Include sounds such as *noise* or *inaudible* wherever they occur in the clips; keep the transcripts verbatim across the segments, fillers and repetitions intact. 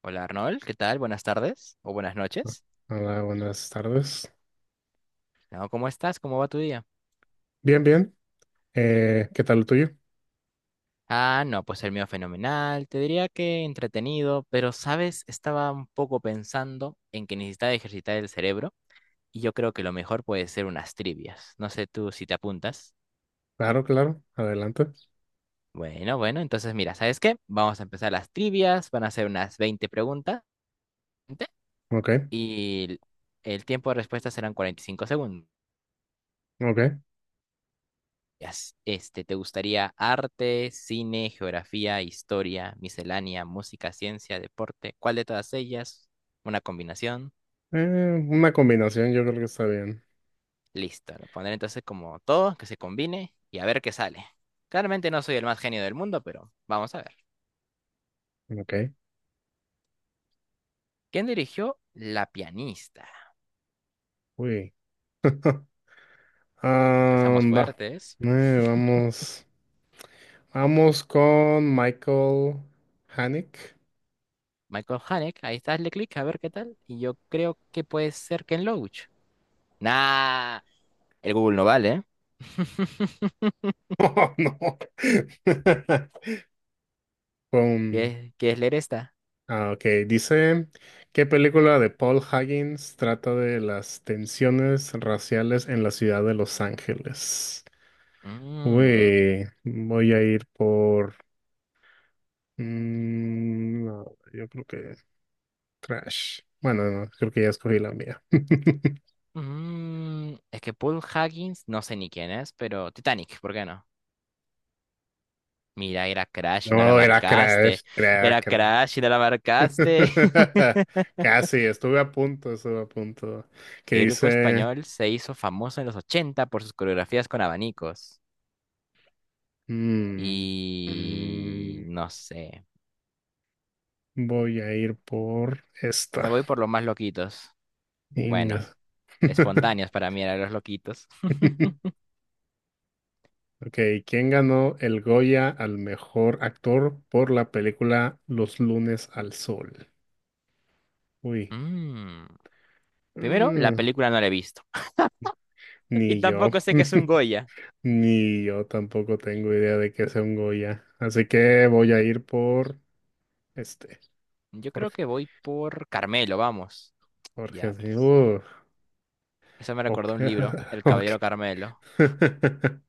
Hola Arnold, ¿qué tal? Buenas tardes o buenas noches. Hola, buenas tardes. No, ¿cómo estás? ¿Cómo va tu día? Bien, bien. Eh, ¿qué tal lo tuyo? Ah, no, pues el mío fenomenal. Te diría que entretenido, pero sabes, estaba un poco pensando en que necesitaba ejercitar el cerebro y yo creo que lo mejor puede ser unas trivias. No sé tú si te apuntas. Claro, claro. Adelante. Bueno, bueno, entonces mira, ¿sabes qué? Vamos a empezar las trivias, van a ser unas veinte preguntas Ok, y el el tiempo de respuesta serán cuarenta y cinco segundos. ok. Este, ¿te gustaría arte, cine, geografía, historia, miscelánea, música, ciencia, deporte? ¿Cuál de todas ellas? Una combinación. Eh, una combinación yo creo que está bien. Listo. Lo pondré entonces como todo, que se combine y a ver qué sale. Claramente no soy el más genio del mundo, pero vamos a ver. Ok. ¿Quién dirigió La pianista? Uy. *laughs* Ah, Empezamos va. fuertes. Eh, vamos. Vamos con Michael Haneke. Michael Haneke, ahí está, hazle clic a ver qué tal. Y yo creo que puede ser Ken Loach. Nah, el Google no vale, ¿eh? *laughs* *laughs* Oh, no. *laughs* Con. ¿Quieres, quieres leer esta? Ah, ok. Dice, ¿qué película de Paul Higgins trata de las tensiones raciales en la ciudad de Los Ángeles? Mm, Uy, voy a ir por... mm, no, yo creo que Crash. Bueno, no, creo que ya escogí la mía. *laughs* mm, es que Paul Huggins, no sé ni quién es, pero Titanic, ¿por qué no? Mira, era Crash y no la No, era marcaste. Crash, cra- Era Crash. Crash y no la marcaste. *laughs* *laughs* Casi, estuve a punto, estuve a punto. Que ¿Qué grupo dice... español se hizo famoso en los ochenta por sus coreografías con abanicos? mm, Y mm, no sé. voy a ir por Me esta. voy por los más loquitos. Inga. Bueno, *laughs* espontáneos para mí eran los loquitos. *laughs* Ok, ¿quién ganó el Goya al mejor actor por la película Los lunes al sol? Uy, Mm, Primero, la mm, película no la he visto. *laughs* Y ni yo, tampoco sé que es un *laughs* Goya. ni yo tampoco tengo idea de qué sea un Goya. Así que voy a ir por este, Yo creo Jorge, que voy por Carmelo, vamos. Jorge, sí, Diablos. uh, Eso me ok, recordó un libro, El *laughs* ok. Caballero Carmelo, *laughs*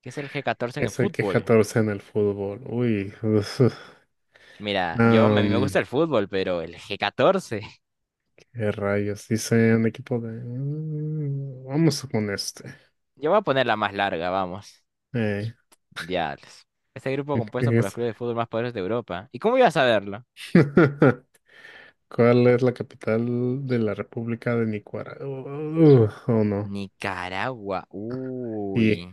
que es el G catorce en el Ese que fútbol. catorce en el fútbol, uy, uf, Mira, yo a mí me am, gusta el fútbol, pero el G catorce. *laughs* qué rayos, dice el equipo de, mm, vamos con este, Yo voy a poner la más larga, vamos. eh, Diablos. Este grupo compuesto ¿qué por los es? clubes de fútbol más poderosos de Europa. ¿Y cómo ibas a verlo? *laughs* ¿Cuál es la capital de la República de Nicaragua? Uh, oh no. Nicaragua. Uy. Y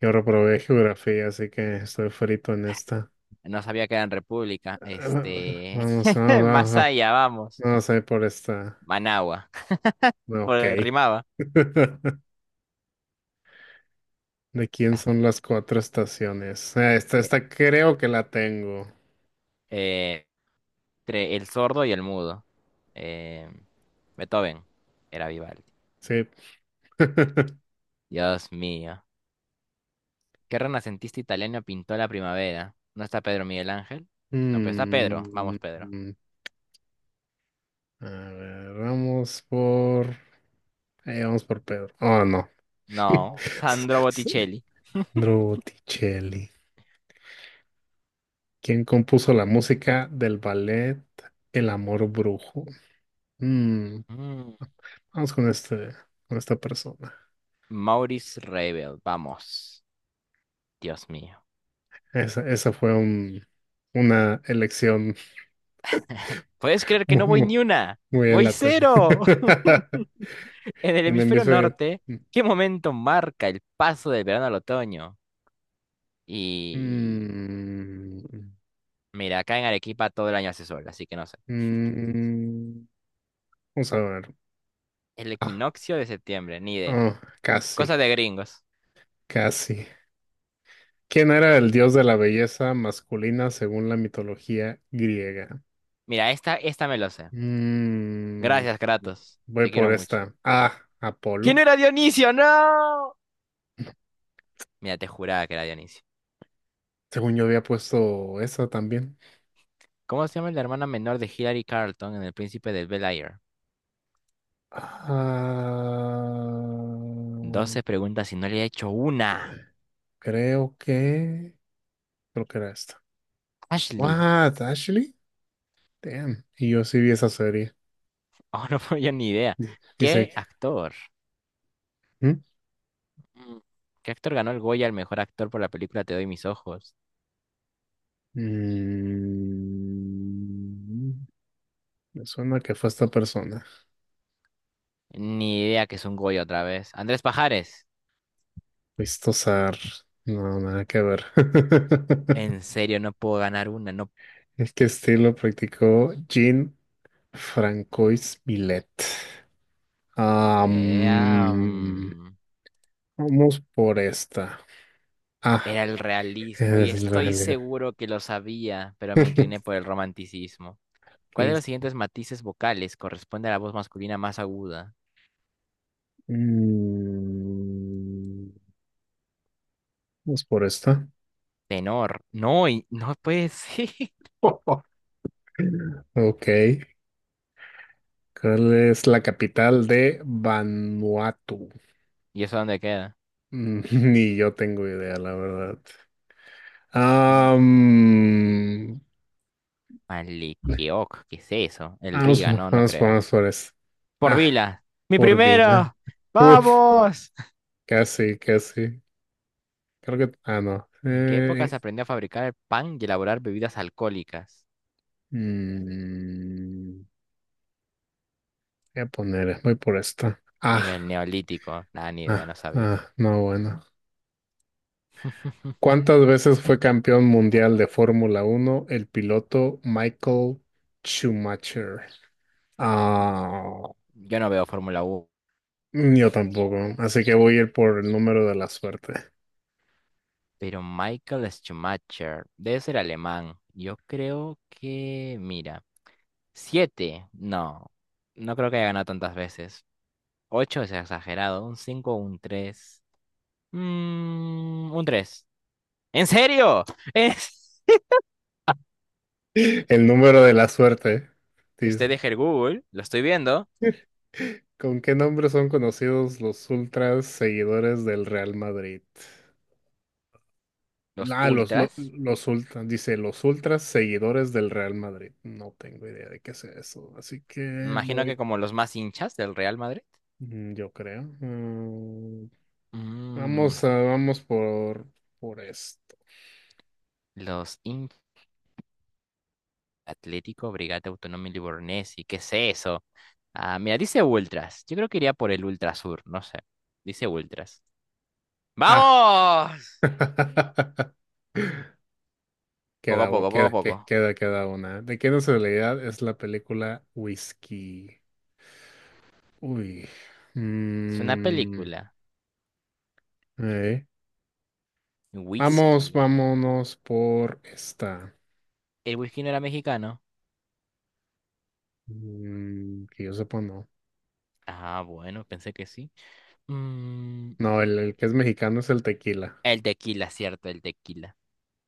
yo reprobé geografía, así que estoy frito en esta. No sabía que era en *clears throat* República. *laughs* Este. Vamos, vamos, *laughs* Más vamos, allá, vamos. vamos a ir por esta. Managua. *laughs* No, ok. Por- Rimaba. *laughs* ¿De quién Ah, son las cuatro estaciones? Ah, Esta, Eh, esta creo que la tengo. eh, entre el sordo y el mudo. Eh, Beethoven era Vivaldi. Sí. *laughs* Dios mío. ¿Qué renacentista italiano pintó la primavera? ¿No está Pedro Miguel Ángel? No, pero está Pedro. Mm, Vamos, Pedro. a ver, vamos por. Eh, vamos por Pedro. Oh, no. No, *laughs* Sandro Botticelli. Sandro Botticelli. ¿Quién compuso la música del ballet El Amor Brujo? Mm. Mm, Vamos con este, con esta persona. Maurice Ravel. Vamos. Dios mío. Esa, esa fue un, una elección ¿Puedes creer *laughs* que muy, no voy muy, ni una? muy ¡Voy alata. cero! *laughs* *laughs* En el En el hemisferio hemisferio. norte, ¿qué momento marca el paso del verano al otoño? Y Mm, mira, acá en Arequipa todo el año hace sol, así que no sé. mm, Vamos a ver. El Ah, equinoccio de septiembre, ni idea. oh, Cosa casi, de gringos. casi. ¿Quién era el dios de la belleza masculina según la mitología griega? Mira, esta, esta me lo sé. Mm, Gracias, Kratos. Voy Te quiero por mucho. esta. Ah, Apolo. ¿Quién era Dionisio? ¡No! Mira, te juraba que era Dionisio. Según yo había puesto esa también. ¿Cómo se llama la hermana menor de Hillary Carlton en El Príncipe del Bel Air? Ah, Doce preguntas y no le he hecho una. creo que, creo que era esta. Ashley. What, Ashley? Damn. Y yo sí vi esa serie. Oh, *laughs* no puedo, yo ni idea. Di- Dice ¿Qué que, actor? ¿mm? Mm. ¿Qué actor ganó el Goya al mejor actor por la película Te doy mis ojos? Mm, Me suena que fue esta persona. Ni idea que es un Goya otra vez. Andrés Pajares. Listo, no, nada que ver. En *laughs* serio, no puedo ganar una. No Es que estilo practicó Jean Francois Millet. Era, Am, mm, Vamos por esta. Ah. era el realismo Esa y es la estoy realidad. seguro que lo sabía, pero me incliné por el romanticismo. ¿Cuál ¿Qué de es? los siguientes matices vocales corresponde a la voz masculina más aguda? Mm, Vamos por esta. Tenor. No, y no puede ser. *laughs* *laughs* Ok. ¿Cuál es la capital de Vanuatu? ¿Y eso dónde queda? Mm, *laughs* ni yo tengo idea, la verdad. Mm, Am, Malequioc, ¿qué es eso? El Vamos, Riga, no, no vamos, creo. vamos por eso. Ah, Porvila. Mi por vida. primero. Uf, ¡Vamos! *laughs* casi, casi. Creo que. Ah, no. ¿En qué época Eh, se aprendió a fabricar el pan y elaborar bebidas alcohólicas? mm, Voy a poner, voy por esta. Ah. En el Neolítico. Nada, ni idea, Ah, no sabía. ah, no, bueno. *laughs* ¿Cuántas veces fue campeón mundial de Fórmula Uno el piloto Michael Schumacher? Ah, Yo no veo Fórmula uno, yo tampoco, así que voy a ir por el número de la suerte. pero Michael Schumacher debe ser alemán. Yo creo que, mira, siete, no, no creo que haya ganado tantas veces. Ocho es exagerado, un cinco, un tres, mm, un tres. ¿En serio? *laughs* ¿Es... *laughs* El número de la suerte, Usted dice. deja el Google, lo estoy viendo, ¿Con qué nombre son conocidos los ultras seguidores del Real Madrid? los Ah, los, lo- ultras, los ultras, dice los ultras seguidores del Real Madrid. No tengo idea de qué sea eso, así que imagino que voy. como los más hinchas del Real Madrid. Mm, Yo creo. Mm, Mm, Vamos a, vamos por, por esto. los Atlético, Brigate Autónoma y Livornesi, ¿qué es eso? Ah, mira, dice Ultras. Yo creo que iría por el Ultrasur, no sé. Dice Ultras. Ah. ¡Vamos! *laughs* Poco a Queda, u- poco, poco a queda, poco. que- queda, queda una. ¿De qué nacionalidad es la película Whisky? Uy. Es una Mm, película. eh. Vamos, Whisky. vámonos por esta. ¿El whisky no era mexicano? Mm, que yo sepa, no. Ah, bueno, pensé que sí. Mm, No, el, el que es mexicano es el tequila. el tequila, cierto, el tequila.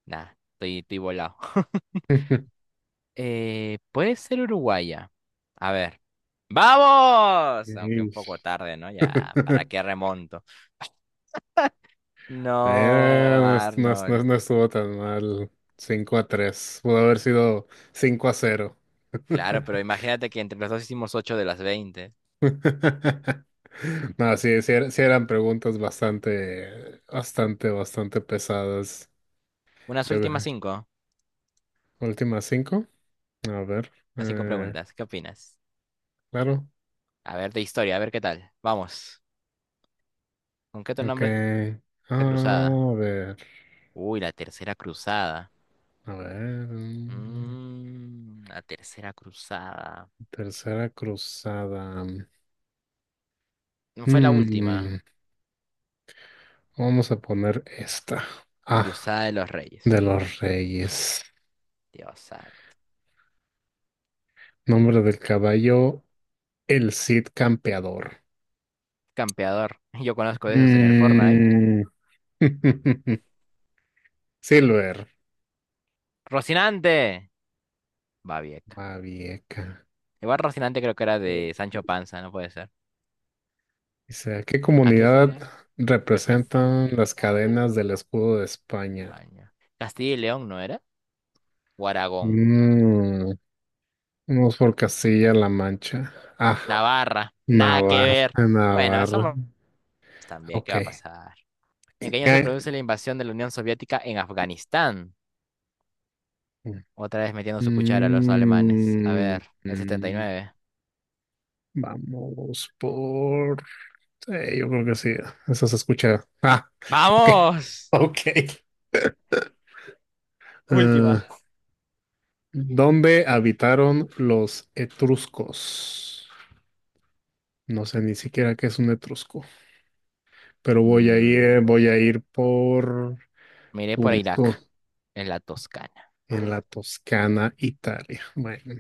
Nah, estoy, estoy volado. *laughs* *laughs* Eh, puede ser uruguaya. A ver. ¡Vamos! Aunque un poco Ish. tarde, ¿no? Ya, ¿para *laughs* qué remonto? No, Eh, no, est- no est- no est- Arnold. no estuvo tan mal. Cinco a tres. Pudo haber sido cinco a cero. Claro, pero *laughs* imagínate que entre los dos hicimos ocho de las veinte. No, sí, sí, era- sí eran preguntas bastante, bastante, bastante pesadas. Unas Yo, últimas cinco. últimas cinco. A ver. Las cinco eh, preguntas. ¿Qué opinas? claro. A ver, de historia, a ver qué tal. Vamos. ¿Con qué otro Ok. nombre es la Ah, cruzada? a ver. Uy, la tercera cruzada. A ver. mm, Mm, la tercera cruzada. Tercera cruzada. No fue la última. Mm, Vamos a poner esta. Ah, Cruzada de los de Reyes. los reyes. Dios santo. Nombre del caballo, el Cid Campeador. Campeador. *laughs* Yo conozco de esos en el Fortnite. Mm. *laughs* Silver, ¡Rocinante! Babieca. Babieca. Igual Rocinante creo que era Mm. de Sancho Panza, no puede ser. Dice, ¿a qué ¿A qué comunidad comunidad representan representa? las cadenas del escudo de España? España. Castilla y León, ¿no era? O Aragón. Mm, Vamos por Castilla-La Mancha. Ah, Navarra, nada que Navarra, ver. Bueno, Navarra. somos también, ¿qué Ok. va a pasar? ¿En qué año se ¿Qué? produce la invasión de la Unión Soviética en Afganistán? Otra vez metiendo su cuchara a los alemanes. A Mm, ver, el setenta y mm, nueve. Vamos por. Eh, yo creo que sí, eso se escucha. Ah, ok, ¡Vamos! ok. Eh, Última. ¿dónde habitaron los etruscos? No sé ni siquiera qué es un etrusco, pero voy a Mm, ir, voy a ir por miré por punto Irak, en la Toscana. en la Toscana, Italia. Bueno,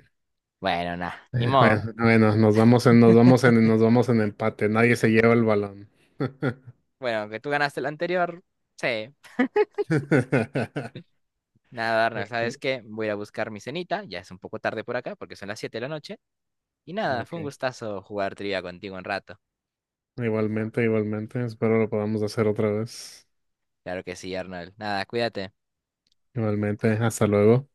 Bueno, nada, ni eh, bueno, modo. bueno, nos vamos en, nos vamos en, nos vamos en empate. Nadie se lleva el balón. *laughs* Bueno, aunque tú ganaste la anterior, sí. Nada, Arnold, Ok, ¿sabes qué? Voy a ir a buscar mi cenita. Ya es un poco tarde por acá porque son las siete de la noche. Y nada, fue un ok. gustazo jugar trivia contigo un rato. Igualmente, igualmente. Espero lo podamos hacer otra vez. Claro que sí, Arnold. Nada, cuídate. Igualmente, hasta luego.